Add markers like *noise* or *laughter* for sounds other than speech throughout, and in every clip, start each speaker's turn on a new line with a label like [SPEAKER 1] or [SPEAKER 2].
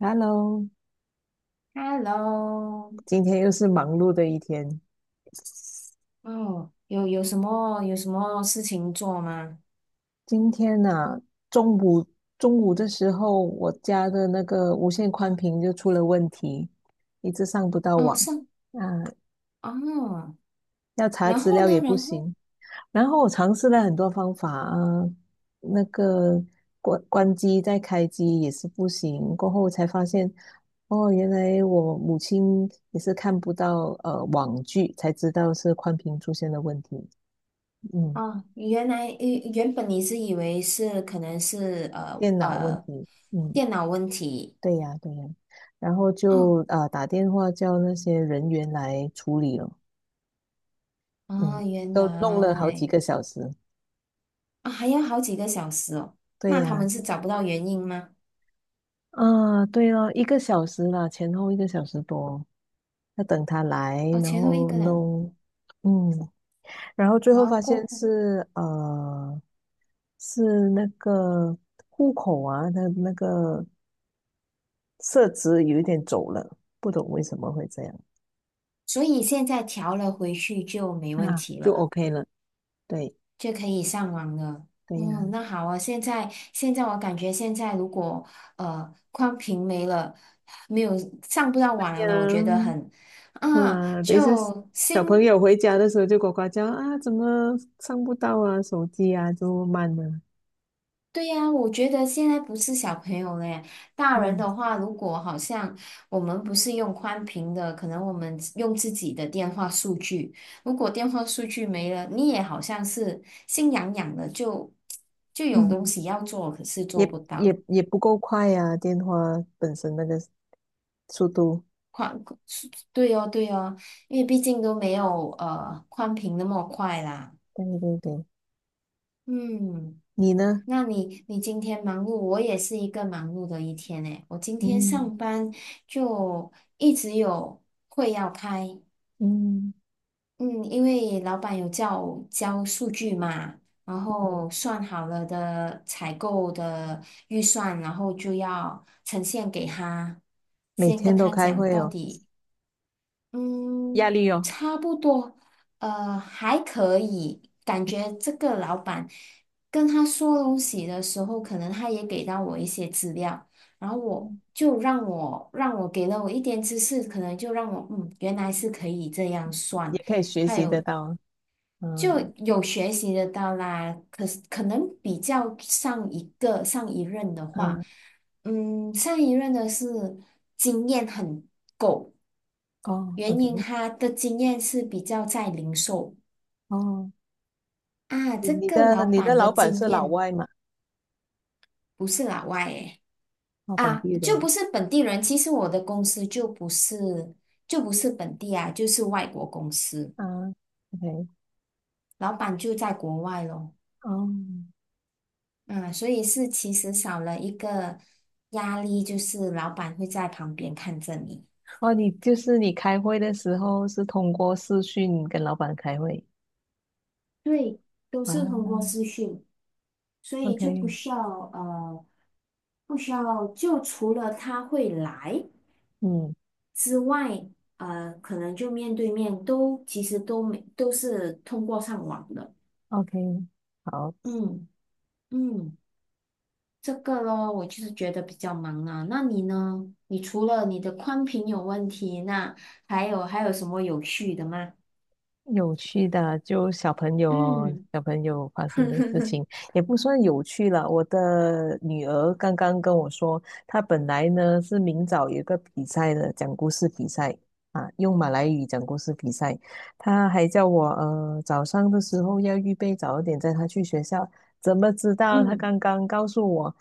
[SPEAKER 1] Hello，
[SPEAKER 2] Hello，
[SPEAKER 1] 今天又是忙碌的一天。
[SPEAKER 2] 哦，有什么事情做吗？
[SPEAKER 1] 今天呢、中午中午的时候，我家的那个无线宽频就出了问题，一直上不到
[SPEAKER 2] 哦，
[SPEAKER 1] 网。
[SPEAKER 2] 上。
[SPEAKER 1] 啊，
[SPEAKER 2] 哦，
[SPEAKER 1] 要查
[SPEAKER 2] 然
[SPEAKER 1] 资
[SPEAKER 2] 后
[SPEAKER 1] 料也
[SPEAKER 2] 呢？
[SPEAKER 1] 不
[SPEAKER 2] 然后。
[SPEAKER 1] 行。然后我尝试了很多方法啊，那个关机再开机也是不行。过后才发现，哦，原来我母亲也是看不到网剧，才知道是宽屏出现了问题。嗯。
[SPEAKER 2] 哦，原来原本你是以为是可能是
[SPEAKER 1] 电脑问题，嗯，
[SPEAKER 2] 电脑问题
[SPEAKER 1] 对呀，对呀，然后
[SPEAKER 2] 哦。
[SPEAKER 1] 就啊、打电话叫那些人员来处理了，
[SPEAKER 2] 啊，
[SPEAKER 1] 嗯，
[SPEAKER 2] 原
[SPEAKER 1] 都弄了好几
[SPEAKER 2] 来。
[SPEAKER 1] 个小时，
[SPEAKER 2] 啊还要好几个小时哦，
[SPEAKER 1] 对
[SPEAKER 2] 那他
[SPEAKER 1] 呀，
[SPEAKER 2] 们是找不到原因吗？
[SPEAKER 1] 啊，对哦，一个小时啦，前后一个小时多，要等他来，
[SPEAKER 2] 哦，
[SPEAKER 1] 然
[SPEAKER 2] 前后一
[SPEAKER 1] 后
[SPEAKER 2] 个人。
[SPEAKER 1] 弄，嗯，然后最
[SPEAKER 2] 然
[SPEAKER 1] 后
[SPEAKER 2] 后
[SPEAKER 1] 发
[SPEAKER 2] 过
[SPEAKER 1] 现
[SPEAKER 2] 后。
[SPEAKER 1] 是那个户口啊，那个设置有一点走了，不懂为什么会这样，
[SPEAKER 2] 所以现在调了回去就没问
[SPEAKER 1] 啊，
[SPEAKER 2] 题
[SPEAKER 1] 就
[SPEAKER 2] 了。
[SPEAKER 1] OK 了，对
[SPEAKER 2] 就可以上网了。
[SPEAKER 1] 对
[SPEAKER 2] 嗯，
[SPEAKER 1] 呀。
[SPEAKER 2] 那好啊。现在我感觉现在如果宽屏没了，没有上不到网了，我觉得
[SPEAKER 1] 呀，
[SPEAKER 2] 很。啊，
[SPEAKER 1] 啊，等一下
[SPEAKER 2] 就
[SPEAKER 1] 小朋
[SPEAKER 2] 心。
[SPEAKER 1] 友回家的时候就呱呱叫啊，怎么上不到啊，手机啊，就慢了，
[SPEAKER 2] 对呀，我觉得现在不是小朋友了耶。大人
[SPEAKER 1] 嗯
[SPEAKER 2] 的话，如果好像我们不是用宽屏的，可能我们用自己的电话数据，如果电话数据没了，你也好像是心痒痒的，就有东
[SPEAKER 1] 嗯，
[SPEAKER 2] 西要做，可是做
[SPEAKER 1] 也
[SPEAKER 2] 不到。
[SPEAKER 1] 也也不够快呀、啊电话本身那个速度。
[SPEAKER 2] 宽。对哦，对哦，因为毕竟都没有宽屏那么快啦。
[SPEAKER 1] 对对对，
[SPEAKER 2] 嗯，
[SPEAKER 1] 你呢？
[SPEAKER 2] 那你今天忙碌，我也是一个忙碌的一天诶。我今天
[SPEAKER 1] 嗯
[SPEAKER 2] 上班就一直有会要开，
[SPEAKER 1] 嗯
[SPEAKER 2] 嗯，因为老板有叫我交数据嘛，然
[SPEAKER 1] 嗯
[SPEAKER 2] 后算好了的采购的预算，然后就要呈现给他，
[SPEAKER 1] 每
[SPEAKER 2] 先跟
[SPEAKER 1] 天都
[SPEAKER 2] 他
[SPEAKER 1] 开
[SPEAKER 2] 讲
[SPEAKER 1] 会
[SPEAKER 2] 到
[SPEAKER 1] 哦，
[SPEAKER 2] 底。
[SPEAKER 1] 压
[SPEAKER 2] 嗯，
[SPEAKER 1] 力哦，
[SPEAKER 2] 差不多，还可以。感觉这个老板跟他说东西的时候，可能他也给到我一些资料，然后我
[SPEAKER 1] 嗯
[SPEAKER 2] 就让我给了我一点知识，可能就让我嗯，原来是可以这样算。
[SPEAKER 1] 也可以学习得到啊
[SPEAKER 2] 就
[SPEAKER 1] 嗯
[SPEAKER 2] 有学习得到啦，可是可能比较上一任的话，
[SPEAKER 1] 嗯，
[SPEAKER 2] 嗯，上一任的是经验很够，
[SPEAKER 1] 哦
[SPEAKER 2] 原因
[SPEAKER 1] ，OK，
[SPEAKER 2] 他的经验是比较在零售
[SPEAKER 1] 哦，
[SPEAKER 2] 啊，
[SPEAKER 1] 你
[SPEAKER 2] 这
[SPEAKER 1] 你
[SPEAKER 2] 个
[SPEAKER 1] 的
[SPEAKER 2] 老
[SPEAKER 1] 你的
[SPEAKER 2] 板的
[SPEAKER 1] 老板
[SPEAKER 2] 经
[SPEAKER 1] 是老
[SPEAKER 2] 验
[SPEAKER 1] 外嘛？
[SPEAKER 2] 不是老外诶，
[SPEAKER 1] 哦，本
[SPEAKER 2] 啊，
[SPEAKER 1] 地
[SPEAKER 2] 就
[SPEAKER 1] 人
[SPEAKER 2] 不是本地人。其实我的公司就不是本地啊，就是外国公司，
[SPEAKER 1] 啊，OK，
[SPEAKER 2] 老板就在国外咯。
[SPEAKER 1] 哦。
[SPEAKER 2] 嗯，所以是其实少了一个压力，就是老板会在旁边看着你。
[SPEAKER 1] 哦，你就是你开会的时候是通过视讯跟老板开会
[SPEAKER 2] 对，都是通过
[SPEAKER 1] 啊
[SPEAKER 2] 视讯，所以就不
[SPEAKER 1] ？OK，
[SPEAKER 2] 需要呃，不需要就除了他会来
[SPEAKER 1] 嗯
[SPEAKER 2] 之外，可能就面对面都其实都没都是通过上网的。
[SPEAKER 1] ，OK，好。
[SPEAKER 2] 嗯嗯，这个咯，我就是觉得比较忙啊。那你呢？你除了你的宽频有问题，那还有什么有趣的吗？
[SPEAKER 1] 有趣的就小朋友咯，
[SPEAKER 2] 嗯。
[SPEAKER 1] 小朋友发生的事
[SPEAKER 2] *laughs*
[SPEAKER 1] 情也不算有趣了。我的女儿刚刚跟我说，她本来呢是明早有一个比赛的，讲故事比赛啊，用马来语讲故事比赛。她还叫我早上的时候要预备早一点，带她去学校。怎么知道？她
[SPEAKER 2] 嗯，
[SPEAKER 1] 刚刚告诉我，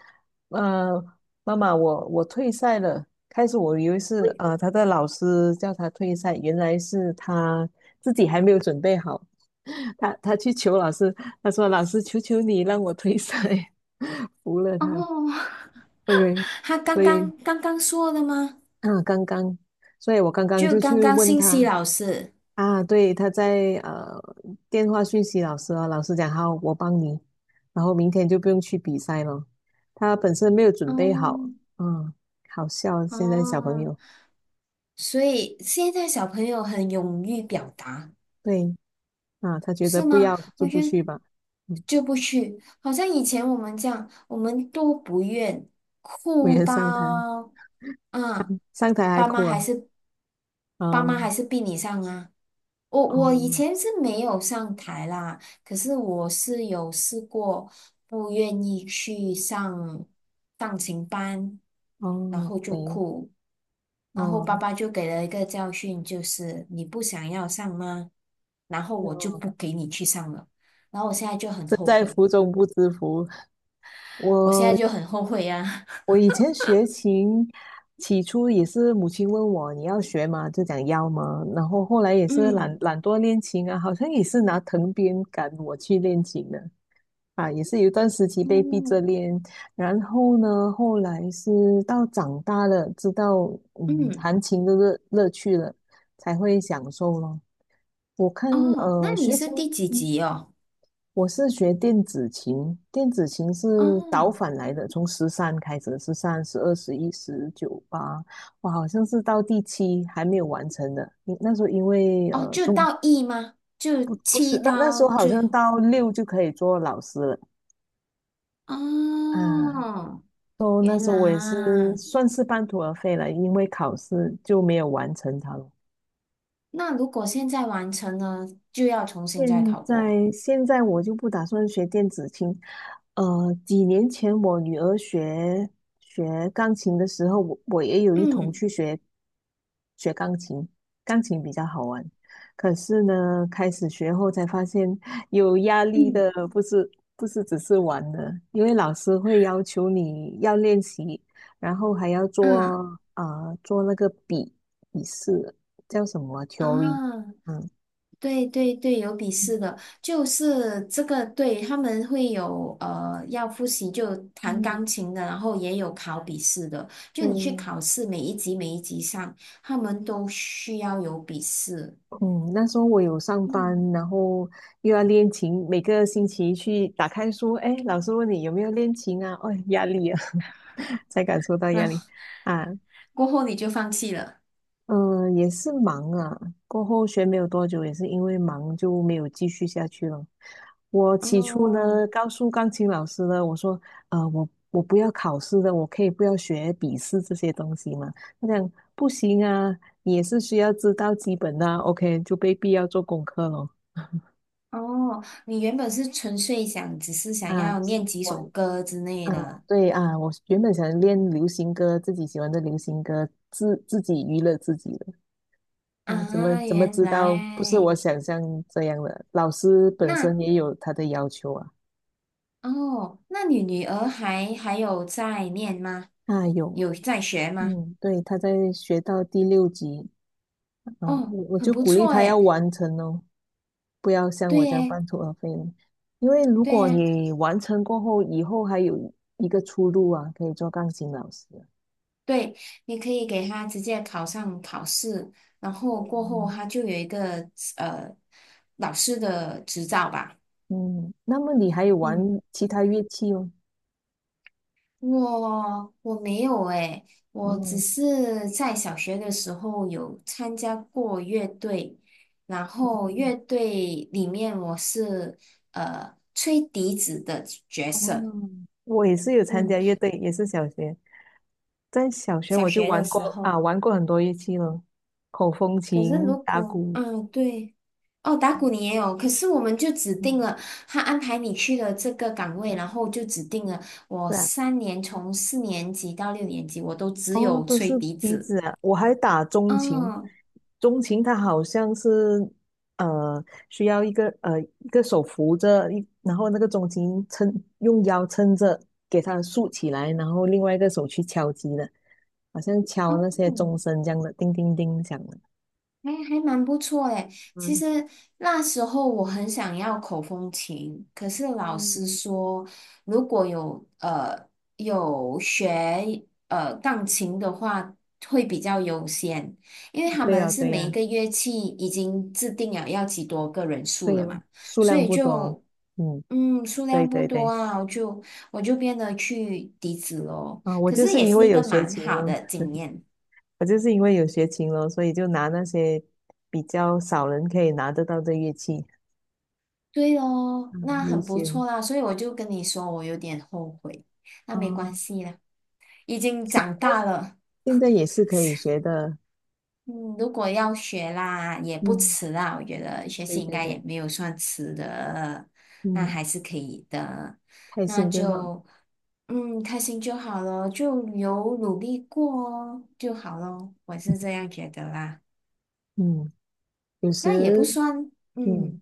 [SPEAKER 1] 呃，妈妈，我退赛了。开始我以为是他的老师叫他退赛，原来是他自己还没有准备好。*laughs* 他去求老师，他说：“老师，求求你让我退赛。” *laughs* 服了
[SPEAKER 2] 哦，
[SPEAKER 1] 他。OK，
[SPEAKER 2] *laughs* 他刚
[SPEAKER 1] 所以
[SPEAKER 2] 刚刚刚说的吗？
[SPEAKER 1] 啊，刚刚，所以我刚刚
[SPEAKER 2] 就
[SPEAKER 1] 就
[SPEAKER 2] 刚
[SPEAKER 1] 去
[SPEAKER 2] 刚
[SPEAKER 1] 问
[SPEAKER 2] 信息
[SPEAKER 1] 他
[SPEAKER 2] 老师。
[SPEAKER 1] 啊，对，他在电话讯息老师啊，老师讲好，我帮你，然后明天就不用去比赛了。他本身没有准备好，
[SPEAKER 2] 哦
[SPEAKER 1] 嗯，好笑，现在小朋
[SPEAKER 2] 哦，
[SPEAKER 1] 友。
[SPEAKER 2] 所以现在小朋友很勇于表达，
[SPEAKER 1] 对啊，他觉得
[SPEAKER 2] 是
[SPEAKER 1] 不
[SPEAKER 2] 吗？
[SPEAKER 1] 要就
[SPEAKER 2] 我
[SPEAKER 1] 不
[SPEAKER 2] 觉得
[SPEAKER 1] 去吧。嗯，
[SPEAKER 2] 就不去，好像以前我们这样，我们都不愿
[SPEAKER 1] 我
[SPEAKER 2] 哭
[SPEAKER 1] 也上台，
[SPEAKER 2] 到，啊，
[SPEAKER 1] 上台还
[SPEAKER 2] 爸妈
[SPEAKER 1] 哭
[SPEAKER 2] 还
[SPEAKER 1] 啊。
[SPEAKER 2] 是爸
[SPEAKER 1] 啊，
[SPEAKER 2] 妈还是逼你上啊。我以前
[SPEAKER 1] 哦
[SPEAKER 2] 是没有上台啦，可是我是有试过不愿意去上钢琴班，然
[SPEAKER 1] 哦
[SPEAKER 2] 后就
[SPEAKER 1] 对，
[SPEAKER 2] 哭，然后
[SPEAKER 1] 哦，
[SPEAKER 2] 爸爸就给了一个教训，就是你不想要上吗？然后我就
[SPEAKER 1] 哦，
[SPEAKER 2] 不给你去上了，然后我现在就很
[SPEAKER 1] 身
[SPEAKER 2] 后
[SPEAKER 1] 在
[SPEAKER 2] 悔，
[SPEAKER 1] 福中不知福。
[SPEAKER 2] 我现在
[SPEAKER 1] 我
[SPEAKER 2] 就很后悔呀、
[SPEAKER 1] 我
[SPEAKER 2] *laughs*
[SPEAKER 1] 以前学琴，起初也是母亲问我你要学吗？就讲要吗？然后后来也是懒
[SPEAKER 2] 嗯，
[SPEAKER 1] 懒惰练琴啊，好像也是拿藤鞭赶我去练琴的啊，也是有一段时期被逼
[SPEAKER 2] 哦，
[SPEAKER 1] 着练。然后呢，后来是到长大了，知道嗯
[SPEAKER 2] 嗯，
[SPEAKER 1] 弹琴的乐趣了，才会享受咯。我看
[SPEAKER 2] 哦，那你
[SPEAKER 1] 学
[SPEAKER 2] 是
[SPEAKER 1] 琴。
[SPEAKER 2] 第几集哦？
[SPEAKER 1] 我是学电子琴，电子琴是倒
[SPEAKER 2] 哦，
[SPEAKER 1] 反来的，从十三开始，十三、12、11、19、八，哇，好像是到第7还没有完成的。因那时候因为
[SPEAKER 2] 哦，就
[SPEAKER 1] 中
[SPEAKER 2] 到 E 吗？就
[SPEAKER 1] 不是
[SPEAKER 2] 七
[SPEAKER 1] 那那时
[SPEAKER 2] 到
[SPEAKER 1] 候好
[SPEAKER 2] 最
[SPEAKER 1] 像
[SPEAKER 2] 后。
[SPEAKER 1] 到六就可以做老师了啊。
[SPEAKER 2] 哦，
[SPEAKER 1] 都那
[SPEAKER 2] 原
[SPEAKER 1] 时候我也是
[SPEAKER 2] 来，
[SPEAKER 1] 算是半途而废了，因为考试就没有完成它了。
[SPEAKER 2] 那如果现在完成了，就要重新再
[SPEAKER 1] 现
[SPEAKER 2] 考过。
[SPEAKER 1] 现在我就不打算学电子琴，几年前我女儿学钢琴的时候，我也有一同
[SPEAKER 2] 嗯
[SPEAKER 1] 去学钢琴，钢琴比较好玩。可是呢，开始学后才发现有压力的，
[SPEAKER 2] 嗯
[SPEAKER 1] 不是只是玩的，因为老师会要求你要练习，然后还要做
[SPEAKER 2] 嗯
[SPEAKER 1] 啊、做那个笔试，叫什么啊
[SPEAKER 2] 啊，
[SPEAKER 1] theory，嗯。
[SPEAKER 2] 对对对，有笔试的，就是这个，对，他们会有要复习，就弹
[SPEAKER 1] 嗯，
[SPEAKER 2] 钢琴的，然后也有考笔试的，就你去
[SPEAKER 1] 对，
[SPEAKER 2] 考试，每一级每一级上，他们都需要有笔试。
[SPEAKER 1] 嗯，那时候我有上
[SPEAKER 2] 嗯，
[SPEAKER 1] 班，然后又要练琴，每个星期去打开书，哎，老师问你有没有练琴啊？哦，压力啊，*laughs* 才感受到压
[SPEAKER 2] 然后
[SPEAKER 1] 力啊。
[SPEAKER 2] 过后你就放弃了。
[SPEAKER 1] 嗯，也是忙啊。过后学没有多久，也是因为忙就没有继续下去了。我起初
[SPEAKER 2] 哦
[SPEAKER 1] 呢，告诉钢琴老师呢，我说，我不要考试的，我可以不要学笔试这些东西嘛。他讲不行啊，你也是需要知道基本的啊 OK，就被必要做功课咯。
[SPEAKER 2] 哦，你原本是纯粹想，只是想
[SPEAKER 1] 啊，
[SPEAKER 2] 要
[SPEAKER 1] 喜
[SPEAKER 2] 念几
[SPEAKER 1] 欢
[SPEAKER 2] 首歌之类
[SPEAKER 1] 啊，
[SPEAKER 2] 的
[SPEAKER 1] 对啊，我原本想练流行歌，自己喜欢的流行歌，自己娱乐自己的。啊，怎么
[SPEAKER 2] 啊，
[SPEAKER 1] 怎么
[SPEAKER 2] 原
[SPEAKER 1] 知道不是我
[SPEAKER 2] 来
[SPEAKER 1] 想象这样的？老师本
[SPEAKER 2] 那
[SPEAKER 1] 身也有他的要求啊。
[SPEAKER 2] 哦，那你女儿还有在念吗？
[SPEAKER 1] 啊，有，
[SPEAKER 2] 有在学吗？
[SPEAKER 1] 嗯，对，他在学到第6级，啊，
[SPEAKER 2] 哦，
[SPEAKER 1] 我
[SPEAKER 2] 很
[SPEAKER 1] 就
[SPEAKER 2] 不
[SPEAKER 1] 鼓励
[SPEAKER 2] 错
[SPEAKER 1] 他要
[SPEAKER 2] 诶，
[SPEAKER 1] 完成哦，不要像我
[SPEAKER 2] 对
[SPEAKER 1] 这样
[SPEAKER 2] 诶，
[SPEAKER 1] 半途而废了因为如
[SPEAKER 2] 对
[SPEAKER 1] 果
[SPEAKER 2] 呀，
[SPEAKER 1] 你完成过后，以后还有一个出路啊，可以做钢琴老师啊。
[SPEAKER 2] 对，你可以给她直接考上考试，然后过后
[SPEAKER 1] 嗯
[SPEAKER 2] 她就有一个呃老师的执照吧，
[SPEAKER 1] 嗯，那么你还有玩
[SPEAKER 2] 嗯。
[SPEAKER 1] 其他乐器哦？
[SPEAKER 2] 我没有诶，我只
[SPEAKER 1] 哦，
[SPEAKER 2] 是在小学的时候有参加过乐队，然后
[SPEAKER 1] 嗯，
[SPEAKER 2] 乐队里面我是吹笛子的角
[SPEAKER 1] 哦，
[SPEAKER 2] 色，
[SPEAKER 1] 我也是有参
[SPEAKER 2] 嗯，
[SPEAKER 1] 加乐队，也是小学。在小学
[SPEAKER 2] 小
[SPEAKER 1] 我就
[SPEAKER 2] 学的
[SPEAKER 1] 玩
[SPEAKER 2] 时
[SPEAKER 1] 过
[SPEAKER 2] 候。
[SPEAKER 1] 啊，玩过很多乐器了，口风
[SPEAKER 2] 可是
[SPEAKER 1] 琴、
[SPEAKER 2] 如
[SPEAKER 1] 打
[SPEAKER 2] 果
[SPEAKER 1] 鼓，
[SPEAKER 2] 嗯对，哦打鼓你也有，可是我们就指定
[SPEAKER 1] 嗯，
[SPEAKER 2] 了他安排你去了这个岗位，然
[SPEAKER 1] 嗯，
[SPEAKER 2] 后就指定了我
[SPEAKER 1] 是啊，
[SPEAKER 2] 3年从4年级到6年级我都只
[SPEAKER 1] 哦，
[SPEAKER 2] 有
[SPEAKER 1] 都
[SPEAKER 2] 吹
[SPEAKER 1] 是
[SPEAKER 2] 笛
[SPEAKER 1] 笛
[SPEAKER 2] 子，
[SPEAKER 1] 子啊。我还打钟琴，
[SPEAKER 2] 嗯。
[SPEAKER 1] 钟琴它好像是呃需要一个手扶着一，然后那个钟琴撑用腰撑着，给它竖起来，然后另外一个手去敲击的，好像
[SPEAKER 2] 哦
[SPEAKER 1] 敲那些钟声这样的，叮叮叮响的。
[SPEAKER 2] 哎，还蛮不错诶。其
[SPEAKER 1] 嗯，
[SPEAKER 2] 实那时候我很想要口风琴，可是老师
[SPEAKER 1] 嗯
[SPEAKER 2] 说，如果有学钢琴的话，会比较优先，因为他
[SPEAKER 1] 对
[SPEAKER 2] 们
[SPEAKER 1] 呀，
[SPEAKER 2] 是
[SPEAKER 1] 对
[SPEAKER 2] 每一
[SPEAKER 1] 呀，
[SPEAKER 2] 个乐器已经制定了要几多个人
[SPEAKER 1] 对
[SPEAKER 2] 数
[SPEAKER 1] 呀，
[SPEAKER 2] 了嘛，
[SPEAKER 1] 数
[SPEAKER 2] 所
[SPEAKER 1] 量
[SPEAKER 2] 以
[SPEAKER 1] 不多哦，
[SPEAKER 2] 就
[SPEAKER 1] 嗯。
[SPEAKER 2] 数
[SPEAKER 1] 对
[SPEAKER 2] 量不
[SPEAKER 1] 对
[SPEAKER 2] 多
[SPEAKER 1] 对，
[SPEAKER 2] 啊，我就变得去笛子咯。
[SPEAKER 1] 啊，我
[SPEAKER 2] 可
[SPEAKER 1] 就
[SPEAKER 2] 是
[SPEAKER 1] 是
[SPEAKER 2] 也
[SPEAKER 1] 因
[SPEAKER 2] 是
[SPEAKER 1] 为
[SPEAKER 2] 一
[SPEAKER 1] 有
[SPEAKER 2] 个
[SPEAKER 1] 学
[SPEAKER 2] 蛮
[SPEAKER 1] 琴
[SPEAKER 2] 好
[SPEAKER 1] 了，
[SPEAKER 2] 的经验。
[SPEAKER 1] 我就是因为有学琴了，所以就拿那些比较少人可以拿得到的乐器，
[SPEAKER 2] 对哦，
[SPEAKER 1] 嗯，
[SPEAKER 2] 那
[SPEAKER 1] 优
[SPEAKER 2] 很不
[SPEAKER 1] 先。
[SPEAKER 2] 错啦，所以我就跟你说，我有点后悔，那没关
[SPEAKER 1] 啊。
[SPEAKER 2] 系啦，已经长
[SPEAKER 1] 哎，
[SPEAKER 2] 大了，
[SPEAKER 1] 现在也是可以学的，
[SPEAKER 2] 嗯，如果要学啦，也不
[SPEAKER 1] 嗯，
[SPEAKER 2] 迟啦，我觉得学
[SPEAKER 1] 对
[SPEAKER 2] 习应
[SPEAKER 1] 对
[SPEAKER 2] 该也
[SPEAKER 1] 对，
[SPEAKER 2] 没有算迟的，那
[SPEAKER 1] 嗯，
[SPEAKER 2] 还是可以的，
[SPEAKER 1] 开
[SPEAKER 2] 那
[SPEAKER 1] 心就好，
[SPEAKER 2] 就开心就好咯，就有努力过哦就好咯，我是这样觉得啦，
[SPEAKER 1] 嗯，有
[SPEAKER 2] 那也不
[SPEAKER 1] 时，
[SPEAKER 2] 算，
[SPEAKER 1] 嗯，
[SPEAKER 2] 嗯，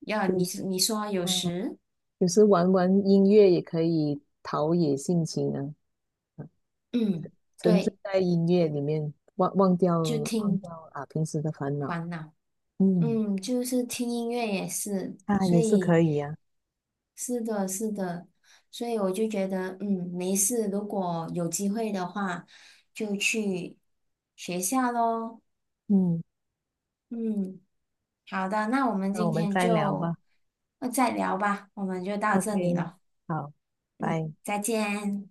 [SPEAKER 2] 要
[SPEAKER 1] 有
[SPEAKER 2] 你
[SPEAKER 1] 时，
[SPEAKER 2] 你说有
[SPEAKER 1] 嗯，
[SPEAKER 2] 时，
[SPEAKER 1] 有时玩玩音乐也可以陶冶性情啊，啊
[SPEAKER 2] 嗯，
[SPEAKER 1] 沉醉
[SPEAKER 2] 对，
[SPEAKER 1] 在音乐里面，忘忘掉
[SPEAKER 2] 就
[SPEAKER 1] 忘
[SPEAKER 2] 听
[SPEAKER 1] 掉啊平时的烦恼，
[SPEAKER 2] 烦恼。
[SPEAKER 1] 嗯，
[SPEAKER 2] 嗯，就是听音乐也是，
[SPEAKER 1] 啊，
[SPEAKER 2] 所
[SPEAKER 1] 也是可
[SPEAKER 2] 以
[SPEAKER 1] 以呀、
[SPEAKER 2] 是的，是的，所以我就觉得，嗯，没事，如果有机会的话，就去学校喽。
[SPEAKER 1] 嗯。
[SPEAKER 2] 嗯，好的，那我们
[SPEAKER 1] 那我
[SPEAKER 2] 今
[SPEAKER 1] 们
[SPEAKER 2] 天
[SPEAKER 1] 再聊
[SPEAKER 2] 就
[SPEAKER 1] 吧。
[SPEAKER 2] 再聊吧，我们就到这里
[SPEAKER 1] OK，
[SPEAKER 2] 了。
[SPEAKER 1] 好，
[SPEAKER 2] 嗯，
[SPEAKER 1] 拜。
[SPEAKER 2] 再见。